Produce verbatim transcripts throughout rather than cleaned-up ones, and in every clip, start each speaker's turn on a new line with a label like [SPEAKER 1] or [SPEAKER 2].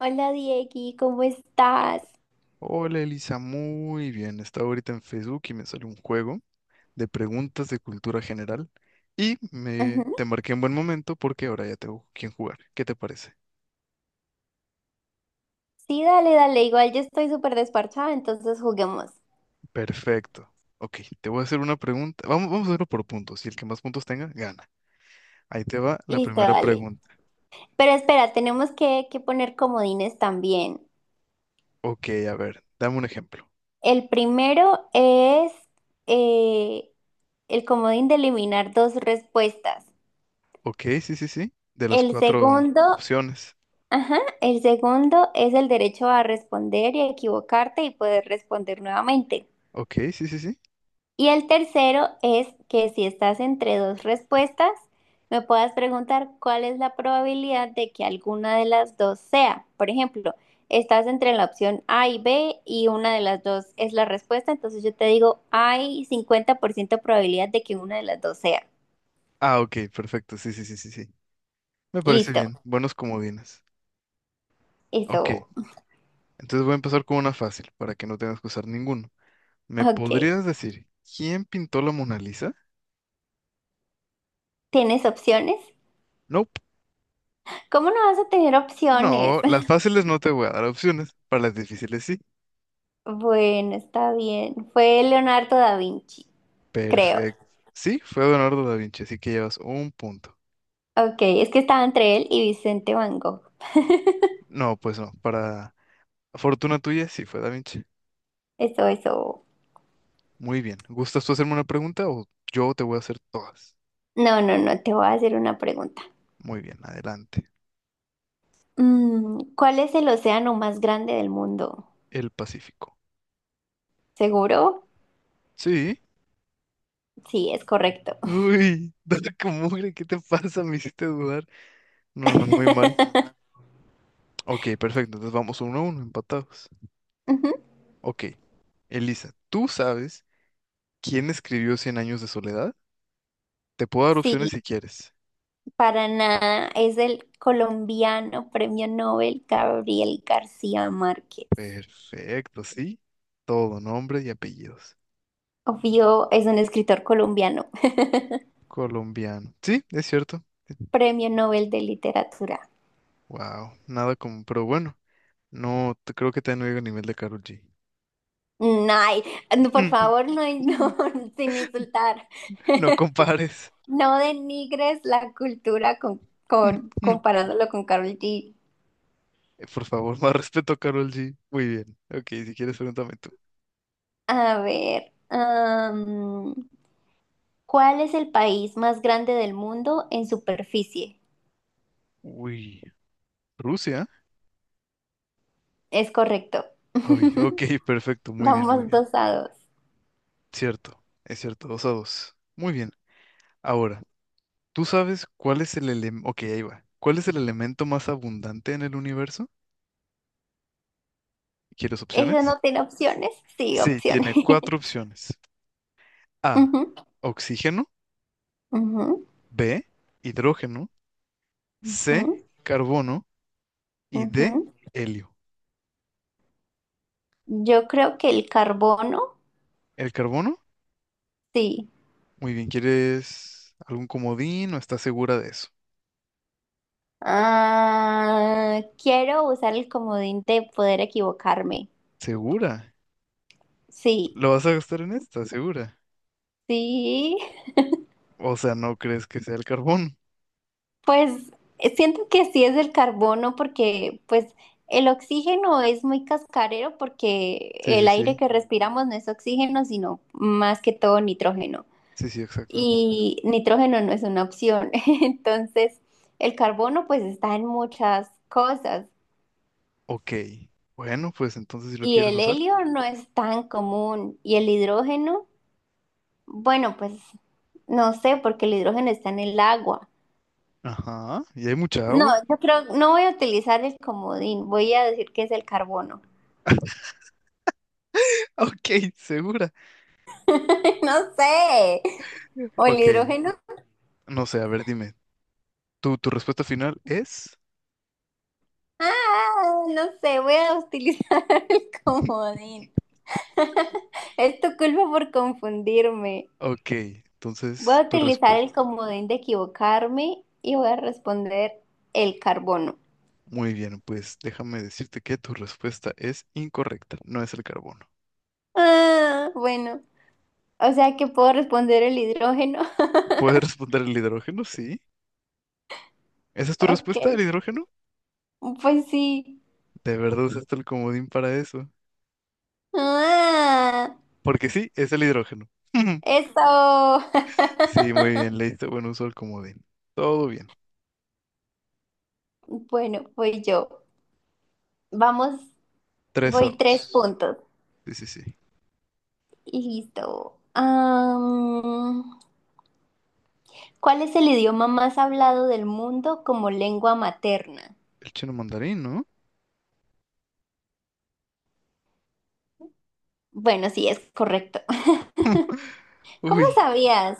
[SPEAKER 1] Hola Diegui, ¿cómo estás?
[SPEAKER 2] Hola Elisa, muy bien. Estaba ahorita en Facebook y me salió un juego de preguntas de cultura general y me te
[SPEAKER 1] Ujú.
[SPEAKER 2] marqué en buen momento porque ahora ya tengo quien jugar. ¿Qué te parece?
[SPEAKER 1] Sí, dale, dale, igual yo estoy súper desparchada, entonces juguemos.
[SPEAKER 2] Perfecto. Ok, te voy a hacer una pregunta. Vamos, vamos a hacerlo por puntos y el que más puntos tenga, gana. Ahí te va la
[SPEAKER 1] Listo,
[SPEAKER 2] primera
[SPEAKER 1] dale.
[SPEAKER 2] pregunta.
[SPEAKER 1] Pero espera, tenemos que, que poner comodines también.
[SPEAKER 2] Ok, a ver, dame un ejemplo.
[SPEAKER 1] El primero es eh, el comodín de eliminar dos respuestas.
[SPEAKER 2] Ok, sí, sí, sí. De las
[SPEAKER 1] El
[SPEAKER 2] cuatro
[SPEAKER 1] segundo,
[SPEAKER 2] opciones.
[SPEAKER 1] ajá, el segundo es el derecho a responder y a equivocarte y poder responder nuevamente.
[SPEAKER 2] Ok, sí, sí, sí.
[SPEAKER 1] Y el tercero es que si estás entre dos respuestas, me puedas preguntar cuál es la probabilidad de que alguna de las dos sea. Por ejemplo, estás entre la opción A y B y una de las dos es la respuesta, entonces yo te digo, hay cincuenta por ciento probabilidad de que una de las dos sea.
[SPEAKER 2] Ah, ok, perfecto. Sí, sí, sí, sí, sí. Me parece
[SPEAKER 1] Listo,
[SPEAKER 2] bien. Buenos comodines. Ok.
[SPEAKER 1] eso.
[SPEAKER 2] Entonces voy a empezar con una fácil, para que no tengas que usar ninguno. ¿Me
[SPEAKER 1] Ok.
[SPEAKER 2] podrías decir quién pintó la Mona Lisa?
[SPEAKER 1] ¿Tienes opciones?
[SPEAKER 2] Nope.
[SPEAKER 1] ¿Cómo no vas a tener opciones?
[SPEAKER 2] No, las fáciles no te voy a dar opciones, para las difíciles sí.
[SPEAKER 1] Bueno, está bien. Fue Leonardo da Vinci, creo.
[SPEAKER 2] Perfecto. Sí, fue Leonardo da Vinci, así que llevas un punto.
[SPEAKER 1] Ok, es que estaba entre él y Vicente Van Gogh.
[SPEAKER 2] No, pues no, para fortuna tuya sí fue da Vinci.
[SPEAKER 1] Eso, eso.
[SPEAKER 2] Muy bien. ¿Gustas tú hacerme una pregunta o yo te voy a hacer todas?
[SPEAKER 1] No, no, no, te voy a hacer una pregunta.
[SPEAKER 2] Muy bien, adelante.
[SPEAKER 1] Mm, ¿cuál es el océano más grande del mundo?
[SPEAKER 2] El Pacífico.
[SPEAKER 1] ¿Seguro?
[SPEAKER 2] Sí.
[SPEAKER 1] Sí, es correcto.
[SPEAKER 2] Uy, dale como mugre, ¿qué te pasa? Me hiciste dudar. No, no, muy mal. Ok, perfecto. Entonces vamos uno a uno, empatados.
[SPEAKER 1] Ujú.
[SPEAKER 2] Ok. Elisa, ¿tú sabes quién escribió Cien años de soledad? Te puedo dar opciones
[SPEAKER 1] Sí,
[SPEAKER 2] si quieres.
[SPEAKER 1] para nada. Es el colombiano premio Nobel Gabriel García Márquez.
[SPEAKER 2] Perfecto, sí. Todo, nombre y apellidos.
[SPEAKER 1] Obvio, es un escritor colombiano.
[SPEAKER 2] Colombiano. Sí, es cierto.
[SPEAKER 1] Premio Nobel de Literatura.
[SPEAKER 2] Wow, nada como, pero bueno, no te- creo que te no llego al nivel de Karol G.
[SPEAKER 1] Mm, ay, no, por favor, no, no, sin insultar.
[SPEAKER 2] No compares.
[SPEAKER 1] No denigres la cultura con, con- comparándolo con Karol G.
[SPEAKER 2] Eh, Por favor, más respeto a Karol G. Muy bien. Ok, si quieres, pregúntame tú.
[SPEAKER 1] A ver, am, ¿cuál es el país más grande del mundo en superficie?
[SPEAKER 2] Uy, Rusia.
[SPEAKER 1] Es correcto.
[SPEAKER 2] Ay, ok, perfecto. Muy bien, muy
[SPEAKER 1] Vamos
[SPEAKER 2] bien.
[SPEAKER 1] dos a dos.
[SPEAKER 2] Cierto, es cierto, dos a dos. Muy bien. Ahora, ¿tú sabes cuál es el elemento? Ok, ahí va. ¿Cuál es el elemento más abundante en el universo? ¿Quieres
[SPEAKER 1] ¿Eso
[SPEAKER 2] opciones?
[SPEAKER 1] no tiene opciones? Sí,
[SPEAKER 2] Sí,
[SPEAKER 1] opciones.
[SPEAKER 2] tiene cuatro opciones. A,
[SPEAKER 1] Ujú,
[SPEAKER 2] oxígeno,
[SPEAKER 1] ujú,
[SPEAKER 2] B, hidrógeno, C,
[SPEAKER 1] ujú,
[SPEAKER 2] carbono y D,
[SPEAKER 1] ujú.
[SPEAKER 2] helio.
[SPEAKER 1] Yo creo que el carbono,
[SPEAKER 2] ¿El carbono?
[SPEAKER 1] sí.
[SPEAKER 2] Muy bien, ¿quieres algún comodín o estás segura de eso?
[SPEAKER 1] Ah, quiero usar el comodín de poder equivocarme.
[SPEAKER 2] ¿Segura?
[SPEAKER 1] Sí,
[SPEAKER 2] ¿Lo vas a gastar en esta? ¿Segura?
[SPEAKER 1] sí.
[SPEAKER 2] O sea, ¿no crees que sea el carbono?
[SPEAKER 1] Pues eh, siento que sí es el carbono porque pues el oxígeno es muy cascarero porque
[SPEAKER 2] Sí, sí,
[SPEAKER 1] el aire
[SPEAKER 2] sí.
[SPEAKER 1] que respiramos no es oxígeno, sino más que todo nitrógeno.
[SPEAKER 2] Sí, sí, exacto.
[SPEAKER 1] Y nitrógeno no es una opción. Entonces, el carbono pues está en muchas cosas
[SPEAKER 2] Ok. Bueno, pues entonces si lo
[SPEAKER 1] y
[SPEAKER 2] quieres
[SPEAKER 1] el
[SPEAKER 2] usar.
[SPEAKER 1] helio no es tan común y el hidrógeno, bueno, pues no sé porque el hidrógeno está en el agua.
[SPEAKER 2] Ajá. Y hay mucha
[SPEAKER 1] No,
[SPEAKER 2] agua.
[SPEAKER 1] yo creo, no voy a utilizar el comodín, voy a decir que es el carbono.
[SPEAKER 2] Ok, segura.
[SPEAKER 1] No sé. O el
[SPEAKER 2] Ok.
[SPEAKER 1] hidrógeno.
[SPEAKER 2] No sé, a ver, dime. ¿Tu, tu respuesta final es?
[SPEAKER 1] Ah, no sé, voy a utilizar el comodín. Es tu culpa por confundirme.
[SPEAKER 2] Ok.
[SPEAKER 1] Voy
[SPEAKER 2] Entonces,
[SPEAKER 1] a
[SPEAKER 2] tu
[SPEAKER 1] utilizar
[SPEAKER 2] respuesta...
[SPEAKER 1] el comodín de equivocarme y voy a responder el carbono.
[SPEAKER 2] Muy bien, pues déjame decirte que tu respuesta es incorrecta. No es el carbono.
[SPEAKER 1] Ah, bueno. O sea que puedo responder el hidrógeno.
[SPEAKER 2] ¿Puedes responder el hidrógeno? Sí. ¿Esa es tu
[SPEAKER 1] Ok.
[SPEAKER 2] respuesta, el hidrógeno?
[SPEAKER 1] Pues sí.
[SPEAKER 2] De verdad usaste el comodín para eso.
[SPEAKER 1] Ah,
[SPEAKER 2] Porque sí, es el hidrógeno.
[SPEAKER 1] eso.
[SPEAKER 2] Sí, muy bien, le diste buen uso al comodín. Todo bien.
[SPEAKER 1] Bueno, voy yo. Vamos,
[SPEAKER 2] Tres a
[SPEAKER 1] voy tres
[SPEAKER 2] dos.
[SPEAKER 1] puntos.
[SPEAKER 2] Sí, sí, sí.
[SPEAKER 1] Y listo. Am, ¿cuál es el idioma más hablado del mundo como lengua materna?
[SPEAKER 2] El chino mandarín, ¿no?
[SPEAKER 1] Bueno, sí, es correcto. ¿Cómo
[SPEAKER 2] Uy,
[SPEAKER 1] sabías?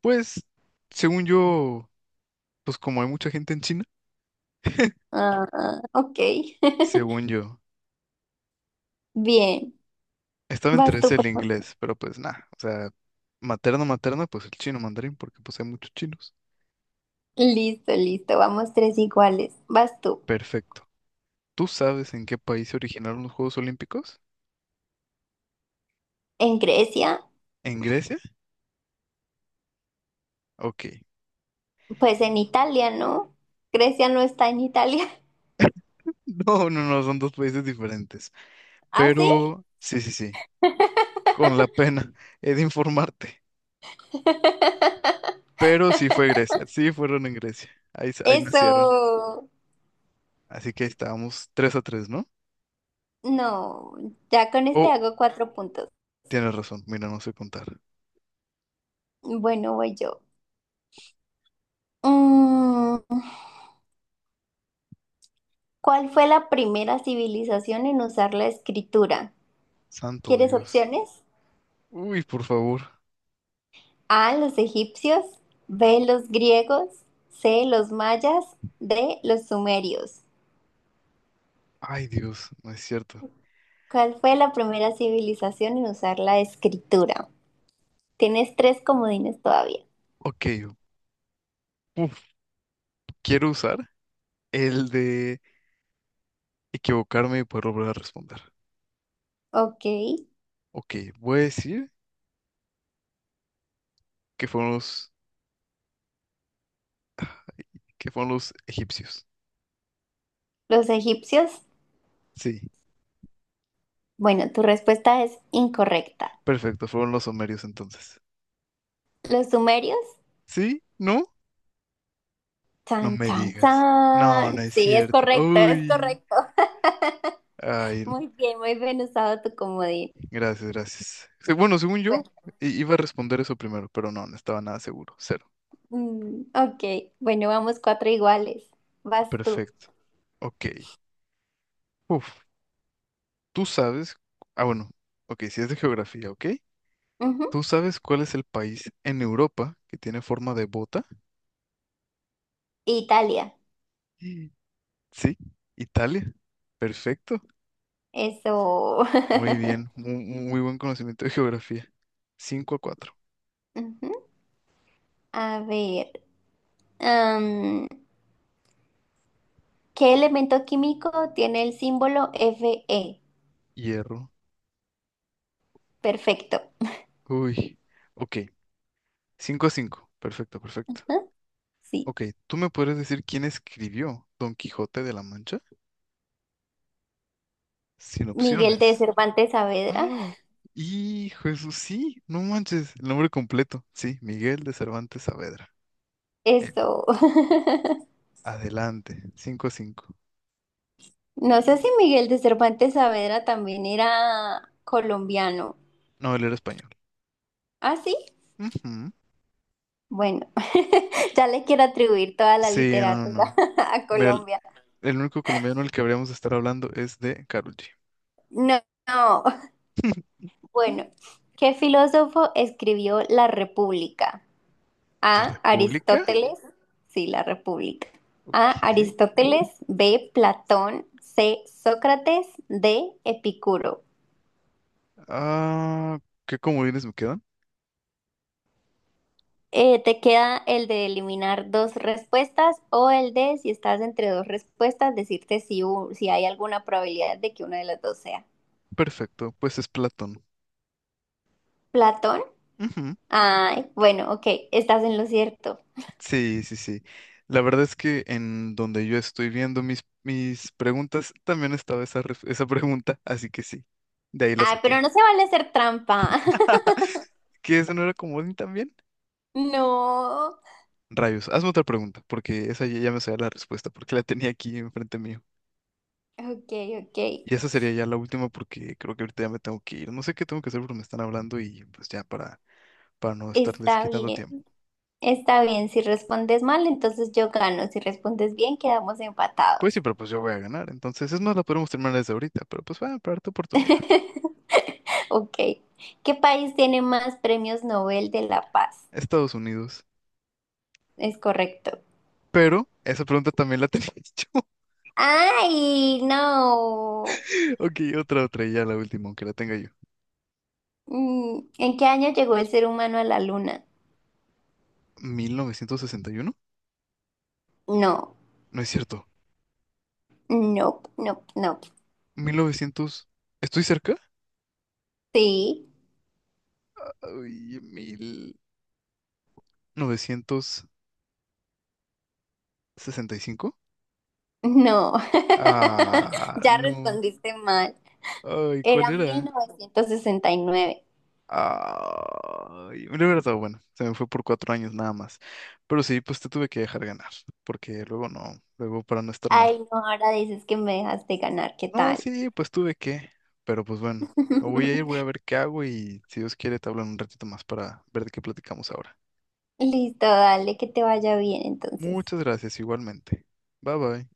[SPEAKER 2] pues, según yo, pues como hay mucha gente en China,
[SPEAKER 1] Ah, ok.
[SPEAKER 2] según yo,
[SPEAKER 1] Bien.
[SPEAKER 2] estaba entre
[SPEAKER 1] Vas
[SPEAKER 2] ese
[SPEAKER 1] tú,
[SPEAKER 2] y
[SPEAKER 1] por
[SPEAKER 2] el
[SPEAKER 1] favor.
[SPEAKER 2] inglés, pero pues nada, o sea, materno, materno, pues el chino mandarín, porque pues hay muchos chinos.
[SPEAKER 1] Listo, listo. Vamos tres iguales. Vas tú.
[SPEAKER 2] Perfecto. ¿Tú sabes en qué país se originaron los Juegos Olímpicos?
[SPEAKER 1] ¿En Grecia?
[SPEAKER 2] ¿En Grecia? Ok.
[SPEAKER 1] Pues en Italia, ¿no? Grecia no está en Italia.
[SPEAKER 2] No, no, no, son dos países diferentes.
[SPEAKER 1] ¿Ah, sí?
[SPEAKER 2] Pero, sí, sí, sí, con la pena he de informarte. Pero sí fue Grecia, sí fueron en Grecia, ahí, s- ahí nacieron.
[SPEAKER 1] Eso.
[SPEAKER 2] Así que estábamos tres a tres, ¿no?
[SPEAKER 1] No. Ya con este
[SPEAKER 2] Oh,
[SPEAKER 1] hago cuatro puntos.
[SPEAKER 2] tienes razón, mira, no sé contar.
[SPEAKER 1] Bueno, voy yo. Mm, ¿cuál fue la primera civilización en usar la escritura?
[SPEAKER 2] Santo
[SPEAKER 1] ¿Quieres
[SPEAKER 2] Dios.
[SPEAKER 1] opciones?
[SPEAKER 2] Uy, por favor.
[SPEAKER 1] A, los egipcios, B, los griegos, C, los mayas, D, los sumerios.
[SPEAKER 2] Ay, Dios, no es cierto.
[SPEAKER 1] ¿Cuál fue la primera civilización en usar la escritura? Tienes tres comodines todavía.
[SPEAKER 2] Ok, uf, quiero usar el de equivocarme para volver a responder.
[SPEAKER 1] Ok,
[SPEAKER 2] Ok, voy a decir que fueron los, que fueron los egipcios.
[SPEAKER 1] los egipcios.
[SPEAKER 2] Sí,
[SPEAKER 1] Bueno, tu respuesta es incorrecta.
[SPEAKER 2] perfecto, fueron los sumerios entonces.
[SPEAKER 1] ¿Los sumerios?
[SPEAKER 2] ¿Sí? ¿No? No
[SPEAKER 1] Chan,
[SPEAKER 2] me
[SPEAKER 1] chan,
[SPEAKER 2] digas. No, no
[SPEAKER 1] chan.
[SPEAKER 2] es
[SPEAKER 1] Sí, es
[SPEAKER 2] cierto.
[SPEAKER 1] correcto, es
[SPEAKER 2] Uy.
[SPEAKER 1] correcto.
[SPEAKER 2] Ay,
[SPEAKER 1] Muy bien, muy bien usado tu comodín.
[SPEAKER 2] gracias, gracias. Se- Bueno, según yo,
[SPEAKER 1] Bueno,
[SPEAKER 2] i- iba a responder eso primero, pero no, no estaba nada seguro. Cero.
[SPEAKER 1] mm, ok, bueno, vamos cuatro iguales. Vas tú.
[SPEAKER 2] Perfecto. Ok. Uf, tú sabes. Ah, bueno. Ok, si es de geografía, ¿ok?
[SPEAKER 1] Ujú.
[SPEAKER 2] ¿Tú sabes cuál es el país en Europa que tiene forma de bota?
[SPEAKER 1] Italia.
[SPEAKER 2] Sí. Sí, Italia. Perfecto.
[SPEAKER 1] Eso.
[SPEAKER 2] Muy bien. Mu- mu- Muy, buen conocimiento de geografía. Cinco a cuatro.
[SPEAKER 1] Ujú. A ver, am, ¿qué elemento químico tiene el símbolo Fe?
[SPEAKER 2] Hierro.
[SPEAKER 1] Perfecto.
[SPEAKER 2] Uy. Ok. Cinco a cinco. Perfecto, perfecto.
[SPEAKER 1] Ujú. Sí.
[SPEAKER 2] Ok, ¿tú me podrías decir quién escribió Don Quijote de la Mancha? Sin
[SPEAKER 1] Miguel de
[SPEAKER 2] opciones.
[SPEAKER 1] Cervantes Saavedra.
[SPEAKER 2] Ah, hijo eso sí, no manches. El nombre completo. Sí, Miguel de Cervantes Saavedra. Él.
[SPEAKER 1] Eso.
[SPEAKER 2] Adelante. Cinco cinco.
[SPEAKER 1] No sé si Miguel de Cervantes Saavedra también era colombiano.
[SPEAKER 2] No, él era español.
[SPEAKER 1] Ah, sí.
[SPEAKER 2] Ujú.
[SPEAKER 1] Bueno, ya le quiero atribuir toda la
[SPEAKER 2] Sí, no, no,
[SPEAKER 1] literatura
[SPEAKER 2] no.
[SPEAKER 1] a
[SPEAKER 2] Mira, el,
[SPEAKER 1] Colombia.
[SPEAKER 2] el único colombiano del que habríamos de estar hablando es de Karol G.
[SPEAKER 1] No, no.
[SPEAKER 2] Mm.
[SPEAKER 1] Bueno, ¿qué filósofo escribió La República?
[SPEAKER 2] ¿La
[SPEAKER 1] A.
[SPEAKER 2] República?
[SPEAKER 1] Aristóteles. Sí, La República. A.
[SPEAKER 2] Ok.
[SPEAKER 1] Aristóteles. B. Platón. C. Sócrates. D. Epicuro.
[SPEAKER 2] Ah, ¿qué comodines me quedan?
[SPEAKER 1] Eh, te queda el de eliminar dos respuestas o el de, si estás entre dos respuestas, decirte si, u- si hay alguna probabilidad de que una de las dos sea.
[SPEAKER 2] Perfecto, pues es Platón.
[SPEAKER 1] Platón.
[SPEAKER 2] Ujú.
[SPEAKER 1] Ay, bueno, ok, estás en lo cierto.
[SPEAKER 2] Sí, sí, sí. La verdad es que en donde yo estoy viendo mis, mis preguntas, también estaba esa, ref- esa pregunta, así que sí, de ahí la
[SPEAKER 1] Ay, pero
[SPEAKER 2] saqué.
[SPEAKER 1] no se vale hacer trampa.
[SPEAKER 2] ¿Que esa no era comodín también?
[SPEAKER 1] No.
[SPEAKER 2] Rayos, hazme otra pregunta, porque esa ya, ya me sabía la respuesta, porque la tenía aquí enfrente mío.
[SPEAKER 1] Ok, ok.
[SPEAKER 2] Y esa sería ya la última, porque creo que ahorita ya me tengo que ir. No sé qué tengo que hacer porque me están hablando y pues ya para, para no estarles
[SPEAKER 1] Está
[SPEAKER 2] quitando
[SPEAKER 1] bien,
[SPEAKER 2] tiempo.
[SPEAKER 1] está bien. Si respondes mal, entonces yo gano. Si respondes bien, quedamos empatados.
[SPEAKER 2] Pues sí, pero pues yo voy a ganar. Entonces, es más, la podemos terminar desde ahorita, pero pues voy a tu oportunidad.
[SPEAKER 1] Ok. ¿Qué país tiene más premios Nobel de la Paz?
[SPEAKER 2] Estados Unidos.
[SPEAKER 1] Es correcto.
[SPEAKER 2] Pero esa pregunta también la tenía yo.
[SPEAKER 1] Ay, no.
[SPEAKER 2] Ok, otra, otra, y ya la última, aunque la tenga yo.
[SPEAKER 1] Mm, ¿en qué año llegó el ser humano a la luna?
[SPEAKER 2] ¿mil novecientos sesenta y uno?
[SPEAKER 1] No,
[SPEAKER 2] No es cierto.
[SPEAKER 1] no, no, no.
[SPEAKER 2] mil novecientos... ¿Estoy cerca?
[SPEAKER 1] Sí.
[SPEAKER 2] Ay, mil novecientos sesenta y cinco.
[SPEAKER 1] No,
[SPEAKER 2] Ah,
[SPEAKER 1] ya
[SPEAKER 2] no.
[SPEAKER 1] respondiste mal.
[SPEAKER 2] Ay, ¿cuál
[SPEAKER 1] Era mil
[SPEAKER 2] era?
[SPEAKER 1] novecientos sesenta y nueve.
[SPEAKER 2] Ay, me lo hubiera estado bueno. Se me fue por cuatro años nada más. Pero sí, pues te tuve que dejar ganar, porque luego no, luego para no estar mal.
[SPEAKER 1] Ay, no, ahora dices que me dejaste ganar, ¿qué
[SPEAKER 2] No,
[SPEAKER 1] tal?
[SPEAKER 2] sí, pues tuve que, pero pues bueno, me voy a ir, voy a ver qué hago y si Dios quiere te hablo en un ratito más para ver de qué platicamos ahora.
[SPEAKER 1] Listo, dale, que te vaya bien entonces.
[SPEAKER 2] Muchas gracias, igualmente. Bye bye.